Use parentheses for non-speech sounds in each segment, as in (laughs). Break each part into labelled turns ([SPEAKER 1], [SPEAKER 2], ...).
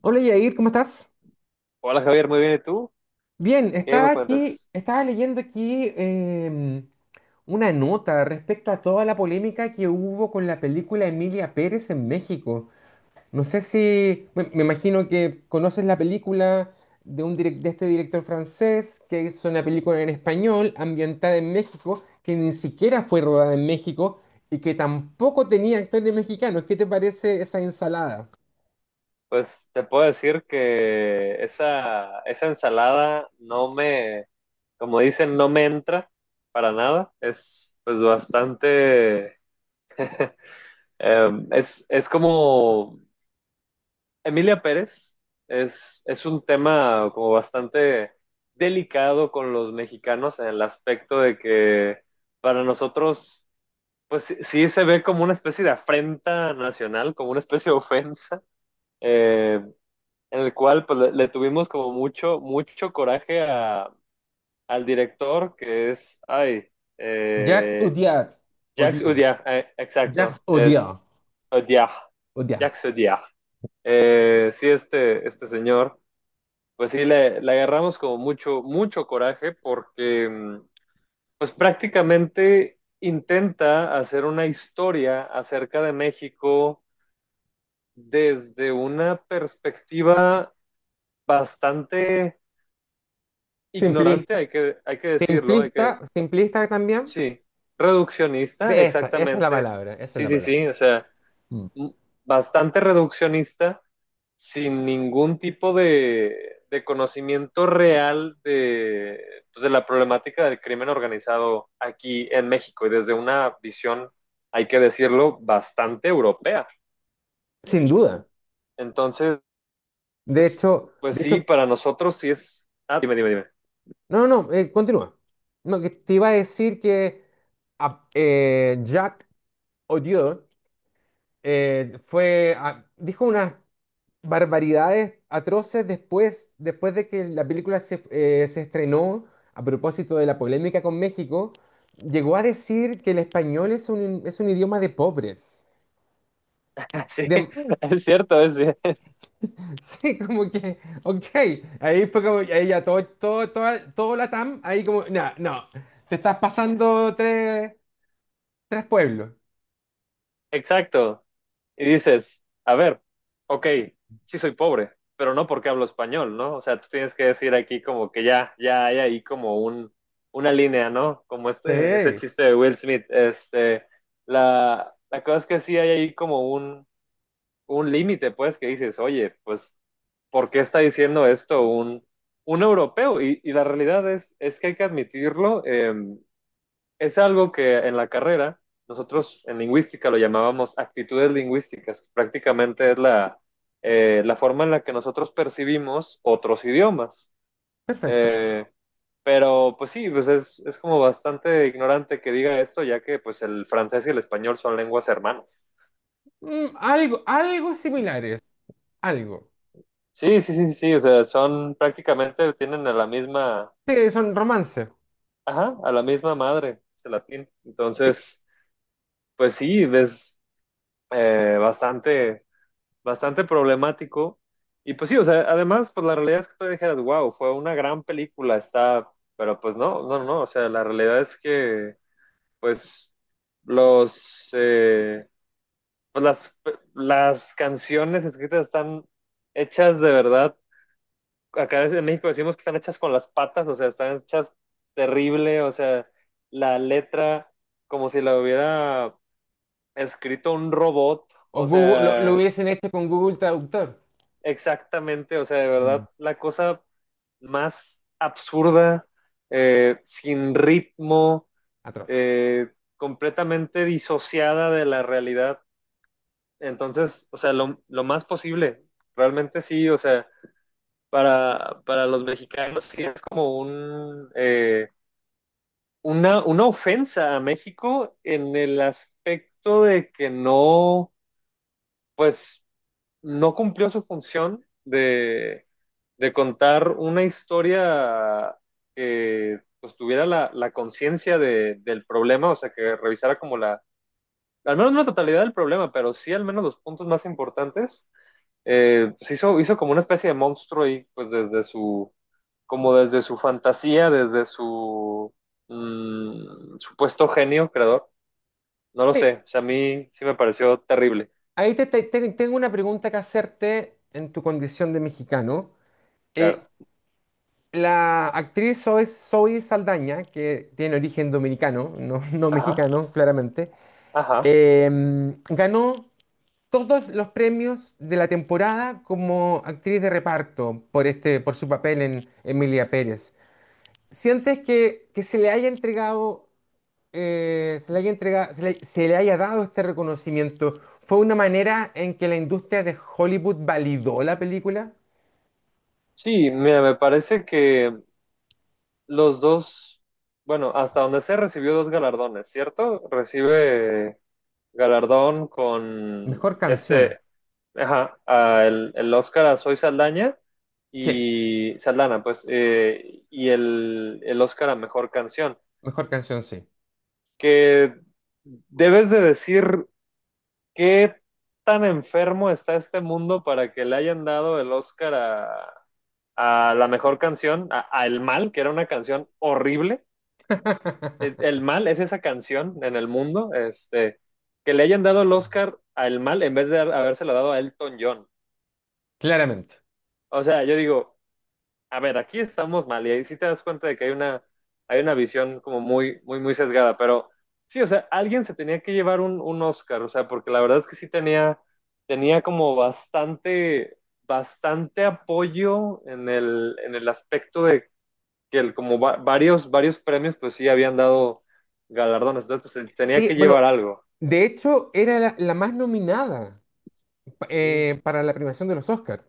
[SPEAKER 1] Hola Yair, ¿cómo estás?
[SPEAKER 2] Hola Javier, muy bien. ¿Y tú?
[SPEAKER 1] Bien,
[SPEAKER 2] ¿Qué
[SPEAKER 1] estaba
[SPEAKER 2] me
[SPEAKER 1] aquí,
[SPEAKER 2] cuentas?
[SPEAKER 1] estaba leyendo aquí una nota respecto a toda la polémica que hubo con la película Emilia Pérez en México. No sé si, me imagino que conoces la película de, de este director francés que hizo una película en español ambientada en México, que ni siquiera fue rodada en México y que tampoco tenía actores mexicanos. ¿Qué te parece esa ensalada?
[SPEAKER 2] Pues te puedo decir que esa ensalada no me, como dicen, no me entra para nada. Es pues bastante, es como Emilia Pérez, es un tema como bastante delicado con los mexicanos en el aspecto de que para nosotros, pues sí se ve como una especie de afrenta nacional, como una especie de ofensa. Eh, en el cual pues le tuvimos como mucho, mucho coraje a, al director, que es, ay,
[SPEAKER 1] Jacques
[SPEAKER 2] eh,
[SPEAKER 1] Odiard,
[SPEAKER 2] Jacques
[SPEAKER 1] Odiard,
[SPEAKER 2] Audiard,
[SPEAKER 1] Jacques
[SPEAKER 2] exacto,
[SPEAKER 1] Odiard.
[SPEAKER 2] es Audiard, Jacques Audiard. Sí, este señor, pues sí, le agarramos como mucho, mucho coraje porque, pues prácticamente intenta hacer una historia acerca de México desde una perspectiva bastante
[SPEAKER 1] Simpli-
[SPEAKER 2] ignorante, hay que decirlo, hay que,
[SPEAKER 1] simplista, simplista también.
[SPEAKER 2] sí, reduccionista,
[SPEAKER 1] Esa es la
[SPEAKER 2] exactamente,
[SPEAKER 1] palabra, esa es
[SPEAKER 2] sí,
[SPEAKER 1] la
[SPEAKER 2] sí,
[SPEAKER 1] palabra.
[SPEAKER 2] sí, o sea,
[SPEAKER 1] Mm.
[SPEAKER 2] m- bastante reduccionista, sin ningún tipo de conocimiento real de, pues, de la problemática del crimen organizado aquí en México y desde una visión, hay que decirlo, bastante europea.
[SPEAKER 1] Sin duda.
[SPEAKER 2] Entonces, pues
[SPEAKER 1] De hecho,
[SPEAKER 2] sí, para nosotros sí es... Ah, dime, dime, dime.
[SPEAKER 1] no, no, no, continúa. No, que te iba a decir que Jacques Odiot fue, dijo unas barbaridades atroces después, después de que la película se estrenó a propósito de la polémica con México. Llegó a decir que el español es un idioma de pobres.
[SPEAKER 2] (laughs) Sí, es cierto, es,
[SPEAKER 1] (laughs) Sí, como que, ok, ahí fue como, ahí ya todo, todo, toda, todo la TAM, ahí como, no, no, te estás pasando tres, tres pueblos.
[SPEAKER 2] exacto. Y dices, a ver, ok, sí soy pobre, pero no porque hablo español, ¿no? O sea, tú tienes que decir aquí como que ya, ya hay ahí como un, una línea, ¿no? Como este, ese
[SPEAKER 1] Sí,
[SPEAKER 2] chiste de Will Smith. Este, la cosa es que sí hay ahí como un límite, pues, que dices, oye, pues, ¿por qué está diciendo esto un europeo? Y la realidad es que hay que admitirlo. Es algo que en la carrera nosotros en lingüística lo llamábamos actitudes lingüísticas, prácticamente es la, la forma en la que nosotros percibimos otros idiomas.
[SPEAKER 1] perfecto.
[SPEAKER 2] Eh, pero pues sí, pues es como bastante ignorante que diga esto, ya que pues el francés y el español son lenguas hermanas.
[SPEAKER 1] Mm, algo, algo similares, algo.
[SPEAKER 2] Sí, sí, sí, sí, sí, o sea, son prácticamente, tienen a la misma,
[SPEAKER 1] Sí, son romances.
[SPEAKER 2] ajá, a la misma madre, el latín.
[SPEAKER 1] Sí.
[SPEAKER 2] Entonces, pues sí, es bastante problemático. Y pues sí, o sea, además, pues la realidad es que tú dijeras, wow, fue una gran película, está, pero pues no, no, no, no, o sea, la realidad es que, pues, los, eh, pues las canciones escritas están hechas de verdad, acá en México decimos que están hechas con las patas, o sea, están hechas terrible, o sea, la letra como si la hubiera escrito un robot,
[SPEAKER 1] O
[SPEAKER 2] o
[SPEAKER 1] Google, lo
[SPEAKER 2] sea,
[SPEAKER 1] hubiesen hecho con Google Traductor.
[SPEAKER 2] exactamente, o sea, de
[SPEAKER 1] Mm.
[SPEAKER 2] verdad, la cosa más absurda, sin ritmo,
[SPEAKER 1] Atroz.
[SPEAKER 2] completamente disociada de la realidad. Entonces, o sea, lo más posible, realmente sí, o sea, para los mexicanos sí es como un, una ofensa a México en el aspecto de que no, pues no cumplió su función de contar una historia que pues, tuviera la, la conciencia de- del problema, o sea, que revisara como la, al menos no la totalidad del problema, pero sí al menos los puntos más importantes, pues hizo, hizo como una especie de monstruo y pues desde su, como desde su fantasía, desde su supuesto genio creador, no lo
[SPEAKER 1] Sí,
[SPEAKER 2] sé, o sea, a mí sí me pareció terrible,
[SPEAKER 1] ahí tengo una pregunta que hacerte en tu condición de mexicano.
[SPEAKER 2] claro.
[SPEAKER 1] Eh, La actriz Zoe Saldaña, que tiene origen dominicano, no, (laughs) no
[SPEAKER 2] Ajá,
[SPEAKER 1] mexicano, claramente,
[SPEAKER 2] ajá.
[SPEAKER 1] eh, ganó todos los premios de la temporada como actriz de reparto por, este, por su papel en Emilia Pérez. ¿Sientes que se le haya entregado, se le haya entregado, se le haya dado este reconocimiento? ¿Fue una manera en que la industria de Hollywood validó la película?
[SPEAKER 2] Sí, mira, me parece que los dos, bueno, hasta donde sé, recibió dos galardones, ¿cierto? Recibe galardón con
[SPEAKER 1] Mejor canción.
[SPEAKER 2] este, ajá, a el Oscar a Soy Saldaña
[SPEAKER 1] Sí,
[SPEAKER 2] y Saldana, pues, y el Oscar a Mejor Canción,
[SPEAKER 1] mejor canción, sí.
[SPEAKER 2] que debes de decir qué tan enfermo está este mundo para que le hayan dado el Oscar a la mejor canción, a, El Mal, que era una canción horrible. E,
[SPEAKER 1] (laughs)
[SPEAKER 2] El Mal es esa canción en el mundo, este, que le hayan dado el Oscar a El Mal en vez de habérselo dado a Elton John.
[SPEAKER 1] Claramente.
[SPEAKER 2] O sea, yo digo, a ver, aquí estamos mal y ahí sí te das cuenta de que hay una visión como muy, muy, muy sesgada, pero sí, o sea, alguien se tenía que llevar un Oscar, o sea, porque la verdad es que sí tenía, tenía como bastante, bastante apoyo en el aspecto de que el, como varios, varios premios, pues sí habían dado galardones, entonces pues tenía
[SPEAKER 1] Sí,
[SPEAKER 2] que
[SPEAKER 1] bueno,
[SPEAKER 2] llevar algo.
[SPEAKER 1] de hecho era la más nominada
[SPEAKER 2] Sí,
[SPEAKER 1] para la premiación de los Oscars.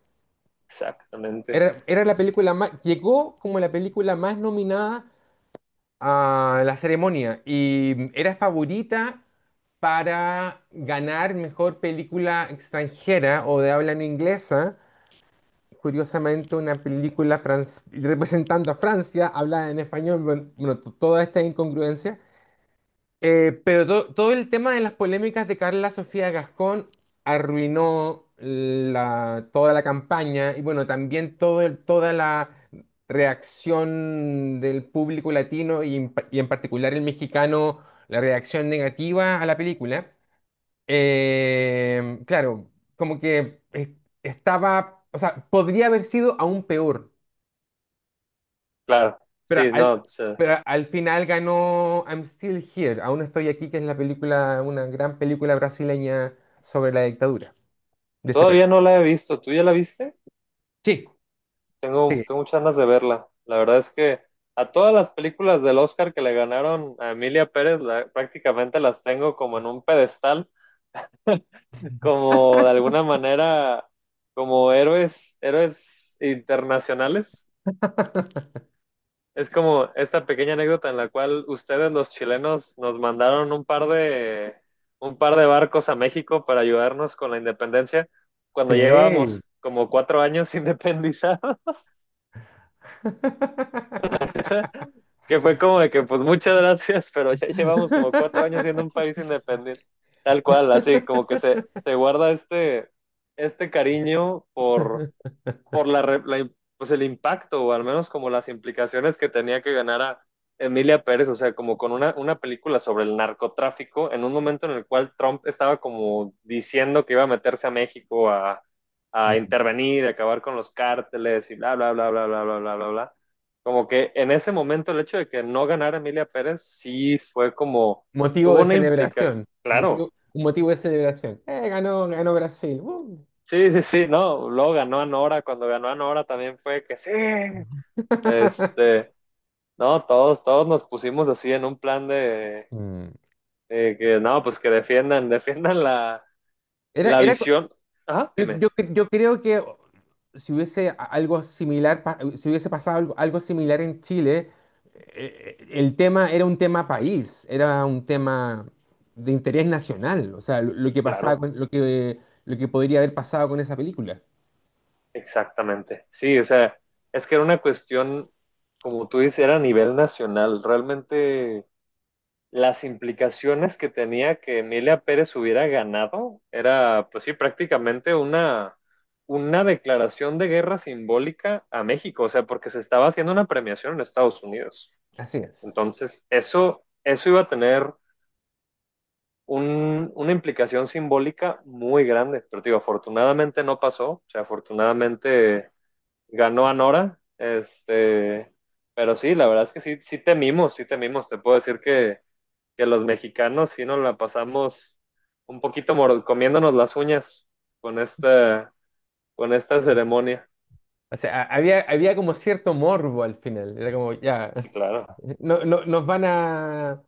[SPEAKER 2] exactamente.
[SPEAKER 1] Era, era la película más, llegó como la película más nominada a la ceremonia y mm, era favorita para ganar mejor película extranjera o de habla no inglesa. Curiosamente, una película representando a Francia, hablada en español, toda esta incongruencia. Pero todo el tema de las polémicas de Carla Sofía Gascón arruinó toda la campaña y bueno, también toda la reacción del público latino y, y en particular el mexicano, la reacción negativa a la película. Claro, como que estaba, o sea, podría haber sido aún peor.
[SPEAKER 2] Claro,
[SPEAKER 1] Pero
[SPEAKER 2] sí,
[SPEAKER 1] al,
[SPEAKER 2] no, o sea,
[SPEAKER 1] pero al final ganó I'm Still Here, aún estoy aquí, que es la película, una gran película brasileña sobre la dictadura de ese país.
[SPEAKER 2] todavía no la he visto. ¿Tú ya la viste?
[SPEAKER 1] Sí, sí,
[SPEAKER 2] Tengo muchas ganas de verla. La verdad es que a todas las películas del Oscar que le ganaron a Emilia Pérez, prácticamente las tengo como en un pedestal, (laughs) como de alguna manera, como héroes, héroes internacionales. Es como esta pequeña anécdota en la cual ustedes, los chilenos, nos mandaron un par de barcos a México para ayudarnos con la independencia cuando
[SPEAKER 1] sí.
[SPEAKER 2] llevábamos como 4 años independizados, (laughs) que fue como de que, pues muchas gracias, pero ya llevamos como 4 años siendo un país independiente, tal cual, así como que
[SPEAKER 1] (laughs)
[SPEAKER 2] se guarda este, este cariño por pues el impacto, o al menos como las implicaciones que tenía que ganar a Emilia Pérez, o sea, como con una película sobre el narcotráfico, en un momento en el cual Trump estaba como diciendo que iba a meterse a México a intervenir, a acabar con los cárteles y bla, bla, bla, bla, bla, bla, bla, bla, bla. Como que en ese momento el hecho de que no ganara Emilia Pérez sí fue como,
[SPEAKER 1] Motivo
[SPEAKER 2] tuvo
[SPEAKER 1] de
[SPEAKER 2] una implicación,
[SPEAKER 1] celebración.
[SPEAKER 2] claro.
[SPEAKER 1] Motivo, un motivo de celebración. Ganó, ganó Brasil. ¡Uh!
[SPEAKER 2] Sí, sí, sí, no, luego ganó a Nora, cuando ganó a Nora también fue que sí,
[SPEAKER 1] (laughs)
[SPEAKER 2] este, no, todos, todos nos pusimos así en un plan
[SPEAKER 1] Mm.
[SPEAKER 2] de que no, pues que defiendan, (laughs) defiendan la,
[SPEAKER 1] Era,
[SPEAKER 2] la
[SPEAKER 1] era,
[SPEAKER 2] visión. Ajá,
[SPEAKER 1] yo,
[SPEAKER 2] dime.
[SPEAKER 1] yo creo que si hubiese algo similar, si hubiese pasado algo, algo similar en Chile, el tema era un tema país, era un tema de interés nacional, o sea, lo que pasaba
[SPEAKER 2] Claro,
[SPEAKER 1] lo que podría haber pasado con esa película.
[SPEAKER 2] exactamente. Sí, o sea, es que era una cuestión, como tú dices, era a nivel nacional. Realmente las implicaciones que tenía que Emilia Pérez hubiera ganado era, pues sí, prácticamente una declaración de guerra simbólica a México, o sea, porque se estaba haciendo una premiación en Estados Unidos.
[SPEAKER 1] Así es.
[SPEAKER 2] Entonces, eso iba a tener una implicación simbólica muy grande, pero digo, afortunadamente no pasó, o sea, afortunadamente ganó Anora, este, pero sí, la verdad es que sí, sí temimos, te puedo decir que los mexicanos sí nos la pasamos un poquito comiéndonos las uñas con esta, con esta ceremonia.
[SPEAKER 1] O sea, había había como cierto morbo al final, era como, ya,
[SPEAKER 2] Sí, claro,
[SPEAKER 1] (laughs) no, nos van a,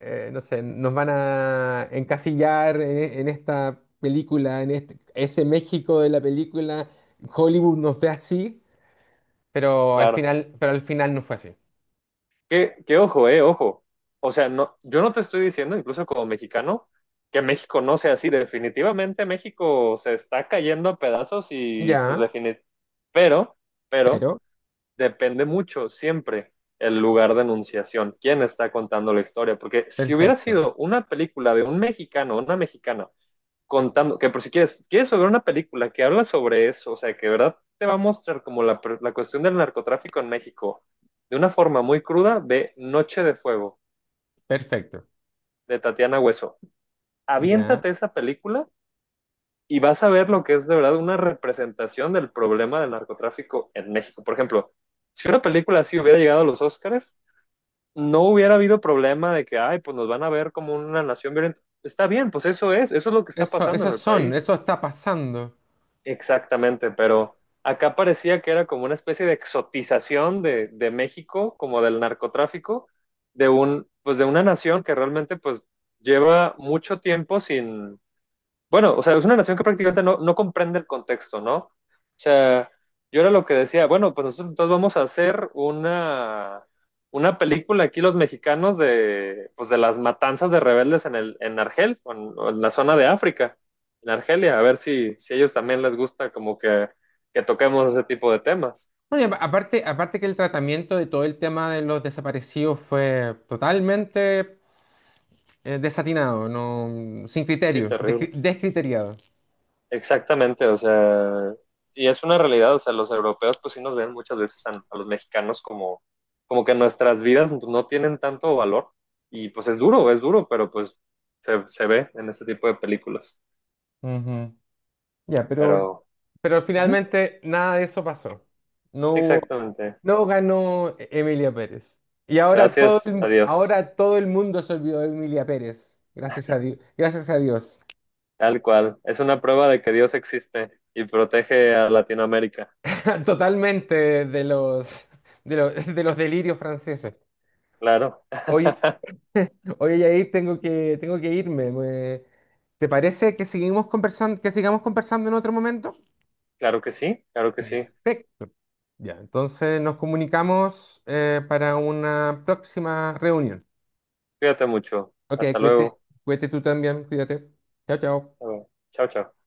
[SPEAKER 1] no sé, nos van a encasillar en esta película, en este, ese México de la película, Hollywood nos ve así,
[SPEAKER 2] claro.
[SPEAKER 1] pero al final no fue así.
[SPEAKER 2] Que ojo, ojo. O sea, no, yo no te estoy diciendo, incluso como mexicano, que México no sea así. Definitivamente México se está cayendo a pedazos y pues
[SPEAKER 1] Ya,
[SPEAKER 2] definitivamente. Pero, pero,
[SPEAKER 1] pero,
[SPEAKER 2] depende mucho siempre el lugar de enunciación, quién está contando la historia. Porque si hubiera
[SPEAKER 1] perfecto,
[SPEAKER 2] sido una película de un mexicano, una mexicana, contando, que por si quieres, quieres ver una película que habla sobre eso, o sea, que de verdad te va a mostrar como la cuestión del narcotráfico en México de una forma muy cruda, de Noche de Fuego
[SPEAKER 1] perfecto.
[SPEAKER 2] de Tatiana Hueso.
[SPEAKER 1] Ya,
[SPEAKER 2] Aviéntate esa película y vas a ver lo que es de verdad una representación del problema del narcotráfico en México. Por ejemplo, si una película así hubiera llegado a los Oscars, no hubiera habido problema de que, ay, pues nos van a ver como una nación violenta. Está bien, pues eso es lo que está
[SPEAKER 1] eso,
[SPEAKER 2] pasando en
[SPEAKER 1] esos
[SPEAKER 2] el
[SPEAKER 1] son,
[SPEAKER 2] país.
[SPEAKER 1] eso está pasando.
[SPEAKER 2] Exactamente, pero acá parecía que era como una especie de exotización de México, como del narcotráfico, de un, pues de una nación que realmente pues lleva mucho tiempo bueno, o sea, es una nación que prácticamente no, no comprende el contexto, ¿no? O sea, yo era lo que decía, bueno, pues nosotros entonces vamos a hacer una película aquí los mexicanos de, pues de las matanzas de rebeldes en, el, en Argel, o en la zona de África, en Argelia, a ver si, si a ellos también les gusta como que toquemos ese tipo de temas.
[SPEAKER 1] No, y aparte, aparte que el tratamiento de todo el tema de los desaparecidos fue totalmente desatinado, no, sin
[SPEAKER 2] Sí,
[SPEAKER 1] criterio,
[SPEAKER 2] terrible.
[SPEAKER 1] descriteriado.
[SPEAKER 2] Exactamente, o sea, y es una realidad, o sea, los europeos pues sí nos ven muchas veces a los mexicanos como, como que nuestras vidas no tienen tanto valor y pues es duro, pero pues se ve en este tipo de películas.
[SPEAKER 1] Ujú. Ya, pero
[SPEAKER 2] Pero,
[SPEAKER 1] Pero
[SPEAKER 2] ujú,
[SPEAKER 1] finalmente nada de eso pasó. No hubo,
[SPEAKER 2] exactamente,
[SPEAKER 1] no ganó Emilia Pérez. Y ahora todo
[SPEAKER 2] gracias a Dios,
[SPEAKER 1] ahora todo el mundo se olvidó de Emilia Pérez. Gracias a Dios. Gracias a Dios.
[SPEAKER 2] tal cual, es una prueba de que Dios existe y protege a Latinoamérica,
[SPEAKER 1] (laughs) Totalmente de los, de los, (laughs) de los delirios franceses.
[SPEAKER 2] claro,
[SPEAKER 1] Hoy,
[SPEAKER 2] (laughs)
[SPEAKER 1] (laughs) hoy Yair, tengo que irme. Me- ¿te parece que seguimos conversando, que sigamos conversando en otro momento?
[SPEAKER 2] claro que sí,
[SPEAKER 1] Perfecto. Ya, entonces nos comunicamos para una próxima reunión.
[SPEAKER 2] cuídate mucho,
[SPEAKER 1] Ok,
[SPEAKER 2] hasta
[SPEAKER 1] cuídate,
[SPEAKER 2] luego,
[SPEAKER 1] cuídate tú también, cuídate. Chao, chao.
[SPEAKER 2] hasta luego. Chao, chao.